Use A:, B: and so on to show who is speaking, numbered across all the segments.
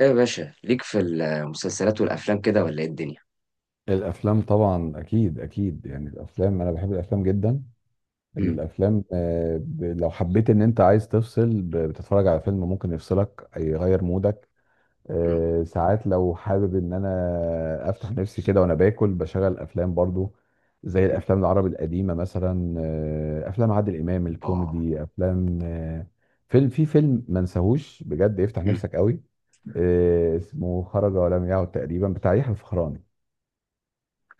A: ايه يا باشا، ليك في المسلسلات والافلام كده ولا ايه الدنيا؟
B: الافلام طبعا اكيد اكيد يعني الافلام انا بحب الافلام جدا.
A: امم.
B: الافلام لو حبيت ان انت عايز تفصل بتتفرج على فيلم ممكن يفصلك يغير مودك.
A: امم.
B: ساعات لو حابب ان انا افتح نفسي كده وانا باكل بشغل افلام برضو، زي
A: امم.
B: الافلام العربي القديمه مثلا. افلام عادل امام
A: با
B: الكوميدي، افلام آه، فيلم فيلم ما انساهوش بجد يفتح
A: امم.
B: نفسك قوي. اسمه خرج ولم يعد، تقريبا بتاع يحيى الفخراني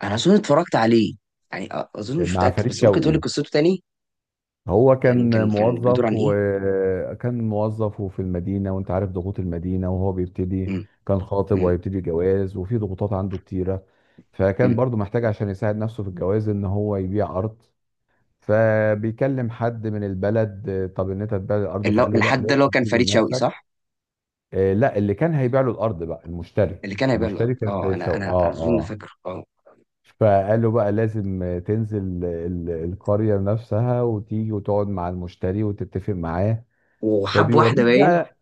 A: انا اظن اتفرجت عليه. يعني اظن مش
B: مع
A: متاكد،
B: فريد
A: بس ممكن تقول لي
B: شوقي.
A: قصته تاني.
B: هو
A: يعني
B: كان
A: كان بيدور
B: موظف
A: عن ايه؟
B: وكان موظف وفي المدينة، وانت عارف ضغوط المدينة، وهو بيبتدي.
A: امم.
B: كان خاطب
A: امم.
B: وهيبتدي جواز وفي ضغوطات عنده كتيرة، فكان
A: امم.
B: برضو محتاج عشان يساعد نفسه في الجواز ان هو يبيع ارض. فبيكلم حد من البلد، طب ان انت تبيع الارض، فقال له لا،
A: الحد ده اللي هو
B: لازم
A: كان
B: تيجي
A: فريد شوقي
B: بنفسك.
A: صح؟
B: لا، اللي كان هيبيع له الارض بقى المشتري.
A: اللي كان هيبيع الارض،
B: المشتري كان
A: اه، انا انا أنا اظن فاكره، اه.
B: فقالوا بقى لازم تنزل القرية نفسها وتيجي وتقعد مع المشتري وتتفق معاه.
A: وحب واحده
B: فبيوريك
A: باين.
B: بقى،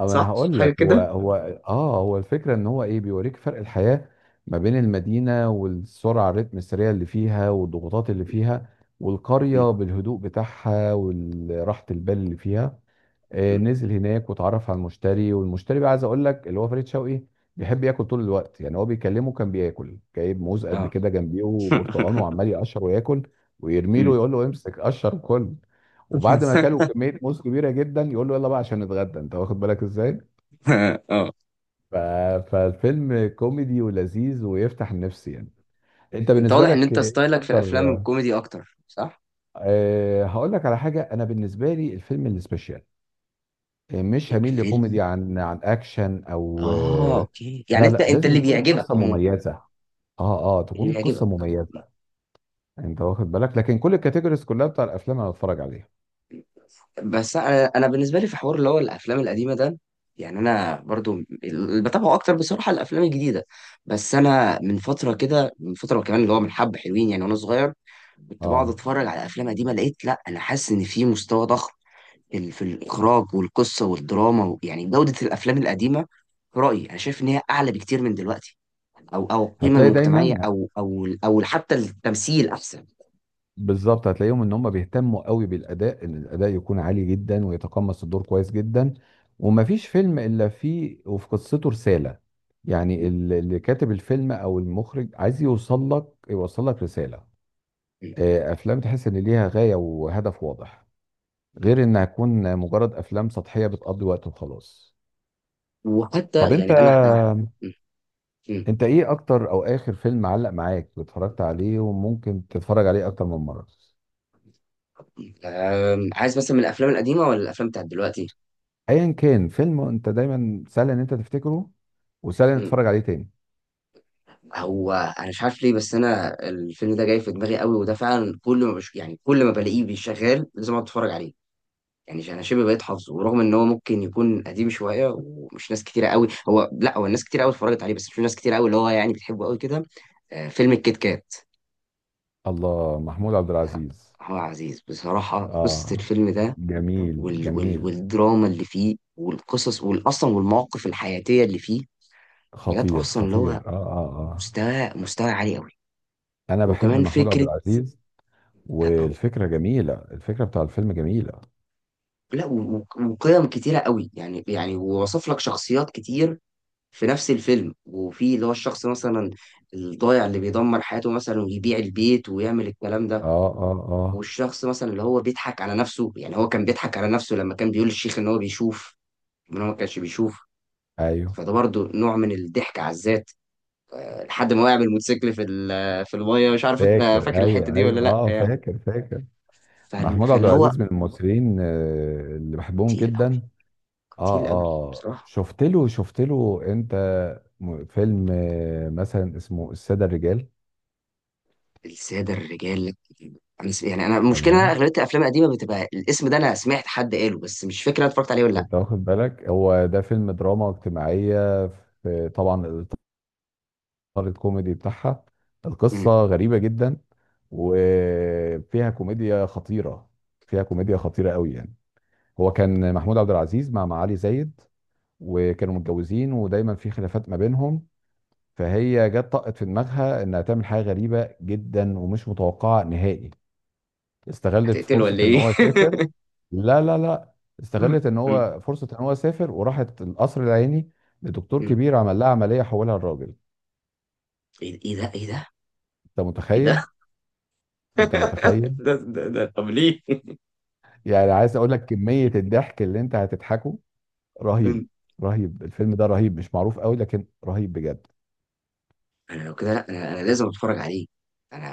B: او انا
A: صح،
B: هقول
A: حاجه
B: لك.
A: كده.
B: هو الفكرة ان هو ايه، بيوريك فرق الحياة ما بين المدينة والسرعة، الريتم السريع اللي فيها والضغوطات اللي فيها،
A: امم.
B: والقرية بالهدوء بتاعها وراحة البال اللي فيها.
A: امم.
B: نزل هناك واتعرف على المشتري، والمشتري بقى عايز اقول لك اللي هو فريد شوقي بيحب ياكل طول الوقت. يعني هو بيكلمه كان بياكل، جايب موز قد
A: اه.
B: كده جنبيه وبرتقان، وعمال يقشر وياكل ويرمي له
A: امم
B: يقول له امسك قشر وكل. وبعد ما كلوا كميه موز كبيره جدا يقول له يلا بقى عشان نتغدى، انت واخد بالك ازاي.
A: اه.
B: ف... فالفيلم كوميدي ولذيذ ويفتح النفس يعني. انت
A: انت
B: بالنسبه
A: واضح ان
B: لك
A: انت
B: إيه
A: ستايلك في
B: اكتر؟
A: الافلام الكوميدي اكتر صح؟
B: أه هقول لك على حاجه، انا بالنسبه لي الفيلم السبيشال مش هميل لكوميدي
A: الفيلم.
B: عن اكشن او،
A: اه، اوكي، يعني
B: لا
A: انت
B: لا،
A: انت
B: لازم
A: اللي
B: يكون
A: بيعجبك
B: قصه
A: عموما.
B: مميزه. اه
A: اللي
B: تكون قصه
A: بيعجبك.
B: مميزه، انت واخد بالك. لكن كل الكاتيجوريز كلها بتاع الافلام انا بتفرج عليها.
A: بس انا بالنسبه لي في حوار اللي هو الافلام القديمه ده. يعني انا برضو اللي بتابعه اكتر بصراحه الافلام الجديده. بس انا من فتره كده، من فتره كمان، اللي هو من حبه حلوين يعني، وانا صغير كنت بقعد
B: اه،
A: اتفرج على افلام قديمه لقيت، لا، انا حاسس ان في مستوى ضخم في في الاخراج والقصه والدراما يعني جوده الافلام القديمه. في رايي، انا شايف ان هي اعلى بكتير من دلوقتي. او القيمه
B: هتلاقي
A: المجتمعيه،
B: دايما،
A: او حتى التمثيل احسن.
B: بالظبط هتلاقيهم ان هم بيهتموا قوي بالاداء، ان الاداء يكون عالي جدا ويتقمص الدور كويس جدا. ومفيش فيلم الا فيه وفي قصته رساله، يعني اللي كاتب الفيلم او المخرج عايز يوصل لك رساله.
A: م.
B: افلام تحس ان ليها غايه وهدف واضح،
A: م.
B: غير انها تكون مجرد افلام سطحيه بتقضي وقت وخلاص. طب
A: وحتى
B: انت،
A: يعني انا. م. م.
B: انت ايه اكتر او اخر فيلم علق معاك واتفرجت عليه وممكن تتفرج عليه اكتر من مره؟
A: عايز مثلا من الافلام القديمه ولا الافلام بتاعت دلوقتي؟
B: ايا كان، فيلم انت دايما سهل ان انت تفتكره وسهل ان
A: م.
B: تتفرج عليه تاني.
A: هو انا مش عارف ليه، بس انا الفيلم ده جاي في دماغي قوي، وده فعلا كل ما يعني كل ما بلاقيه بيشغال لازم اقعد اتفرج عليه. يعني انا شبه بقيت حافظه، ورغم ان هو ممكن يكون قديم شويه ومش ناس كتيره قوي، هو لا، هو الناس كتير قوي اتفرجت عليه، بس مش ناس كتير قوي اللي هو يعني بتحبه قوي كده. فيلم الكيت كات.
B: الله، محمود عبد
A: لا،
B: العزيز.
A: هو عزيز بصراحه قصه
B: اه،
A: الفيلم ده.
B: جميل جميل.
A: والدراما اللي فيه والقصص واصلا والمواقف الحياتيه اللي فيه. حاجات
B: خطير
A: اصلا اللي هو
B: خطير،
A: مستوى، مستوى عالي قوي.
B: انا بحب
A: وكمان
B: محمود عبد
A: فكره.
B: العزيز.
A: لا، هو،
B: والفكره جميله، الفكره بتاع الفيلم جميله.
A: لا، وقيم كتيره قوي، يعني ووصف لك شخصيات كتير في نفس الفيلم، وفي اللي هو الشخص مثلا الضايع اللي بيدمر حياته مثلا ويبيع البيت ويعمل الكلام
B: اه
A: ده.
B: اه اه
A: والشخص مثلا اللي هو بيضحك على نفسه، يعني هو كان بيضحك على نفسه لما كان بيقول للشيخ ان هو بيشوف، ان هو ما كانش بيشوف.
B: ايوه،
A: فده برضه نوع من الضحك على الذات. لحد ما وقع بالموتوسيكل في في الميه، مش عارف انت
B: فاكر.
A: فاكر الحته
B: ايوه
A: دي ولا
B: ايوه،
A: لا
B: اه،
A: يعني.
B: فاكر فاكر. محمود عبد
A: فاللي هو
B: العزيز من المصريين، اللي بحبهم
A: تقيل
B: جدا.
A: قوي.
B: اه
A: تقيل قوي
B: اه،
A: بصراحه.
B: شفت له؟ انت فيلم مثلا اسمه الساده الرجال.
A: الساده الرجال. يعني انا المشكله إن انا
B: تمام،
A: اغلبيه الافلام القديمه بتبقى الاسم ده، انا سمعت حد قاله بس مش فاكر انا اتفرجت عليه ولا لا.
B: انت واخد بالك، هو ده فيلم دراما اجتماعيه في طبعا الاطار الكوميدي بتاعها. القصه
A: مم.
B: غريبه جدا وفيها كوميديا خطيره، فيها كوميديا خطيره قوي يعني. هو كان محمود عبد العزيز مع معالي زايد، وكانوا متجوزين ودايما في خلافات ما بينهم. فهي جت طقت في دماغها انها تعمل حاجه غريبه جدا ومش متوقعه نهائي. استغلت
A: هتقتله
B: فرصه
A: ولا
B: ان
A: ايه؟
B: هو سافر. لا،
A: مم.
B: استغلت ان
A: مم.
B: هو سافر وراحت القصر العيني لدكتور
A: مم.
B: كبير، عمل لها عمليه حولها لراجل.
A: ايه، إيه ده، ايه ده،
B: انت
A: ايه ده؟
B: متخيل؟ انت متخيل،
A: ده، ده، ده. طب ليه؟
B: يعني عايز اقول لك كميه الضحك اللي انت هتضحكه رهيب.
A: مم.
B: رهيب الفيلم ده، رهيب، مش معروف قوي لكن رهيب بجد.
A: انا لو كده، لا، انا لازم اتفرج عليه.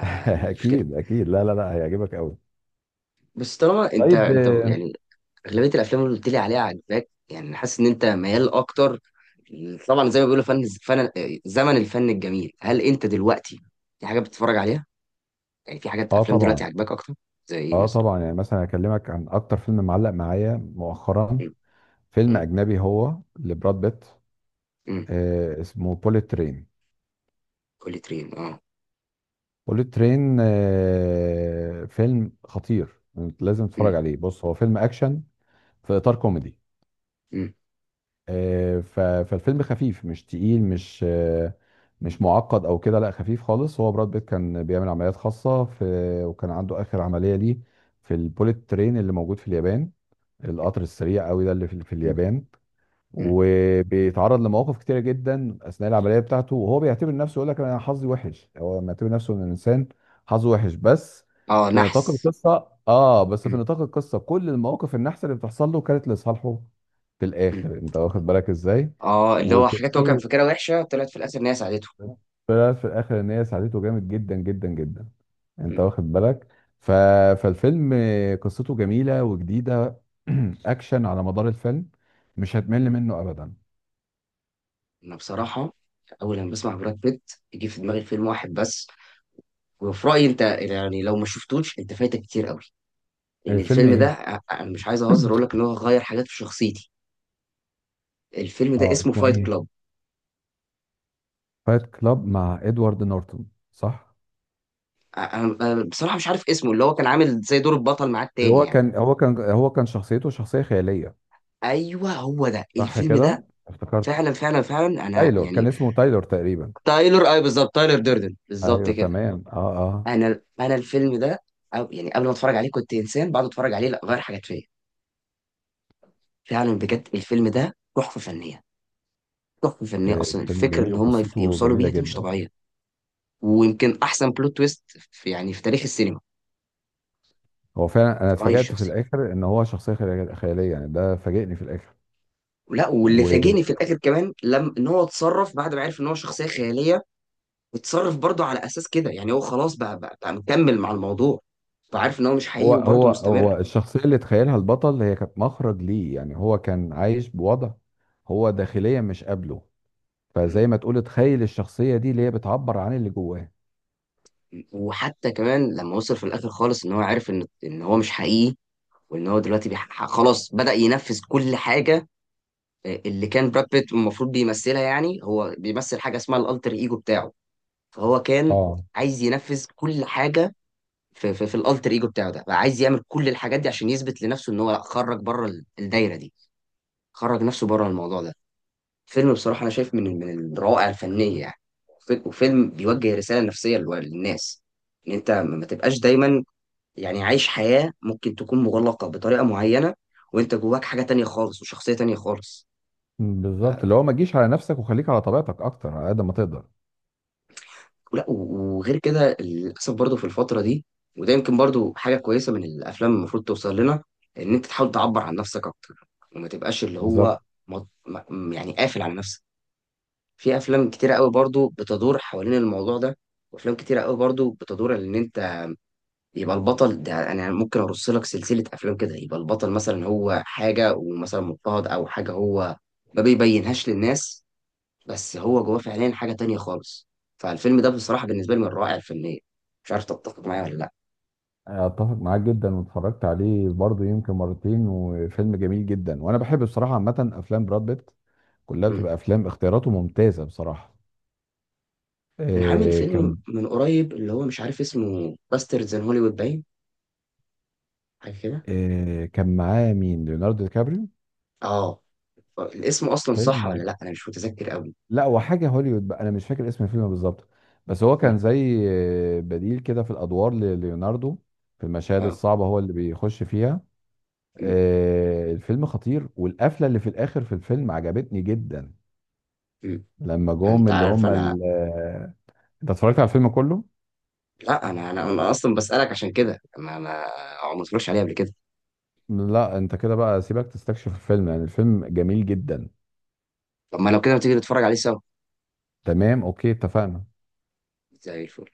A: مش كده.
B: اكيد اكيد، لا هيعجبك قوي.
A: بس طالما انت،
B: طيب.
A: يعني اغلبيه الافلام اللي قلت لي عليها عجباك، يعني حاسس ان انت ميال اكتر. طبعا زي ما بيقولوا، فن، فن، زمن الفن الجميل. هل انت دلوقتي في حاجه بتتفرج عليها؟ يعني في حاجات
B: اه
A: افلام دلوقتي
B: طبعا.
A: عجباك اكتر؟ زي ايه
B: اه
A: مثلا؟
B: طبعا، يعني مثلا اكلمك عن اكتر فيلم معلق معايا مؤخرا.
A: مم.
B: فيلم
A: مم.
B: اجنبي هو لبراد بيت،
A: مم.
B: اسمه بوليت ترين.
A: كولي ترين، اه.
B: بوليت ترين، آه فيلم خطير، لازم
A: مم.
B: تتفرج عليه. بص، هو فيلم اكشن في اطار كوميدي.
A: مم.
B: فالفيلم خفيف مش تقيل، مش معقد او كده، لا خفيف خالص. هو براد بيت كان بيعمل عمليات خاصة، في وكان عنده اخر عملية ليه في البوليت ترين اللي موجود في اليابان، القطر السريع قوي ده اللي في
A: مم.
B: اليابان.
A: مم.
B: وبيتعرض لمواقف كتيره جدا اثناء العمليه بتاعته، وهو بيعتبر نفسه يقول لك انا حظي وحش. هو معتبر نفسه ان الانسان حظه وحش، بس
A: اه،
B: في نطاق
A: نحس.
B: القصه، اه، بس في
A: مم.
B: نطاق القصه كل المواقف النحسه اللي بتحصل له كانت لصالحه في
A: مم.
B: الاخر، انت واخد بالك ازاي.
A: اه، اللي هو حاجات هو كان
B: وكميه،
A: فاكرها وحشه طلعت في الاخر ان هي ساعدته.
B: طلعت في الاخر ان هي ساعدته جامد جدا جدا جدا، انت
A: مم.
B: واخد بالك. ف... فالفيلم قصته جميله وجديده. اكشن على مدار الفيلم، مش هتمل
A: مم.
B: منه ابدا.
A: انا بصراحه، اول لما بسمع براد بيت، يجي في دماغي فيلم واحد بس. وفي رأيي انت يعني لو ما شفتوش انت فايتك كتير قوي. لان
B: الفيلم
A: الفيلم ده،
B: ايه؟
A: انا مش عايز اهزر، اقول لك ان هو غير حاجات في شخصيتي. الفيلم ده
B: اه،
A: اسمه
B: اسمه
A: فايت
B: ايه؟
A: كلاب.
B: فايت كلاب مع ادوارد نورتون، صح؟
A: انا بصراحة مش عارف اسمه، اللي هو كان عامل زي دور البطل معاه
B: اللي
A: التاني
B: هو
A: يعني.
B: كان، شخصيته شخصية خيالية،
A: ايوه، هو ده،
B: صح
A: الفيلم ده.
B: كده. افتكرته،
A: فعلا، فعلا، فعلا، انا
B: تايلور،
A: يعني.
B: كان اسمه تايلور تقريبا.
A: تايلر، اي بالظبط، تايلر ديردن بالظبط
B: ايوه
A: كده.
B: تمام، اه اه.
A: انا الفيلم ده، أو يعني، قبل ما اتفرج عليه كنت انسان، بعد ما اتفرج عليه لا، غير حاجات فيا. فعلا بجد الفيلم ده تحفة فنية. تحفة فنية،
B: إيه،
A: اصلا
B: فيلم
A: الفكرة
B: جميل
A: اللي هم
B: وقصته
A: يوصلوا
B: جميلة
A: بيها دي مش
B: جدا.
A: طبيعية. ويمكن احسن بلوت تويست في، يعني في تاريخ السينما.
B: هو فعلا انا
A: في رايي
B: اتفاجأت في
A: الشخصي.
B: الاخر ان هو خيالية يعني، ده فاجئني في الاخر.
A: لا، واللي
B: وهو
A: فاجئني في الاخر كمان، لما ان هو اتصرف بعد ما عرف ان هو شخصيه خياليه، اتصرف برضه على اساس كده. يعني هو خلاص بقى، بقى مكمل مع الموضوع. فعارف ان هو مش حقيقي
B: هو
A: وبرضه مستمر.
B: هو الشخصية اللي اتخيلها البطل هي كانت مخرج ليه، يعني هو كان عايش بوضع هو داخليا مش قابله.
A: م-
B: فزي ما تقول تخيل الشخصية دي اللي هي بتعبر عن اللي جواه.
A: وحتى كمان لما وصل في الاخر خالص ان هو عارف ان هو مش حقيقي، وان هو دلوقتي خلاص بدأ ينفذ كل حاجه. اللي كان براد بيت المفروض بيمثلها، يعني هو بيمثل حاجه اسمها الالتر ايجو بتاعه. فهو كان
B: اه
A: عايز ينفذ كل حاجه في الالتر ايجو بتاعه، ده بقى عايز يعمل كل الحاجات دي عشان يثبت لنفسه ان هو، لا، خرج بره الدايره دي، خرج نفسه بره الموضوع ده. فيلم بصراحه انا شايف من الروائع الفنيه يعني. وفيلم بيوجه رساله نفسيه للناس، ان انت ما تبقاش دايما يعني عايش حياه ممكن تكون مغلقه بطريقه معينه، وانت جواك حاجه تانية خالص وشخصيه تانية خالص.
B: بالظبط، اللي هو ما تجيش على نفسك وخليك على طبيعتك اكتر على قد ما تقدر.
A: ولا، وغير كده للاسف برضو في الفتره دي، وده يمكن برضو حاجه كويسه من الافلام المفروض توصل لنا، ان انت تحاول تعبر عن نفسك اكتر، وما تبقاش اللي هو
B: بالظبط.
A: مط... يعني قافل على نفسك. في افلام كتيره قوي برضو بتدور حوالين الموضوع ده، وافلام كتيره قوي برضو بتدور ان انت يبقى البطل ده، انا ممكن ارص لك سلسله افلام كده، يبقى البطل مثلا هو حاجه ومثلا مضطهد او حاجه هو ما بيبينهاش للناس، بس هو جواه فعليا حاجة تانية خالص. فالفيلم ده بصراحة بالنسبة لي من الرائع الفنية. مش عارف تتفق معايا ولا لا.
B: اتفق معاك جدا، واتفرجت عليه برضه يمكن مرتين. وفيلم جميل جدا، وانا بحب بصراحه عامه افلام براد بيت، كلها
A: مم.
B: بتبقى افلام اختياراته ممتازه بصراحه.
A: كان عامل
B: آه
A: فيلم
B: كان
A: من قريب اللي هو مش عارف اسمه، باسترد ان هوليوود باين، حاجة كده.
B: كان معاه مين، ليوناردو دي كابريو.
A: اه. الاسم اصلا صح ولا
B: فيلم،
A: لا، انا مش متذكر قوي.
B: لا وحاجه هوليوود بقى انا مش فاكر اسم الفيلم بالظبط. بس هو
A: مم.
B: كان زي بديل كده في الادوار لليوناردو، في المشاهد
A: اه.
B: الصعبه هو اللي بيخش فيها.
A: مم.
B: الفيلم خطير، والقفله اللي في الاخر في الفيلم عجبتني جدا.
A: مم.
B: لما جم
A: انت
B: اللي
A: عارف
B: هم
A: انا.
B: انت اتفرجت على الفيلم كله؟
A: لا، انا اصلا بسألك عشان كده، ما اتفرجش عليه قبل كده.
B: لا، انت كده بقى سيبك تستكشف الفيلم، يعني الفيلم جميل جدا.
A: طب ما لو كده، ما تيجي نتفرج عليه سوا؟
B: تمام اوكي، اتفقنا.
A: زي الفل.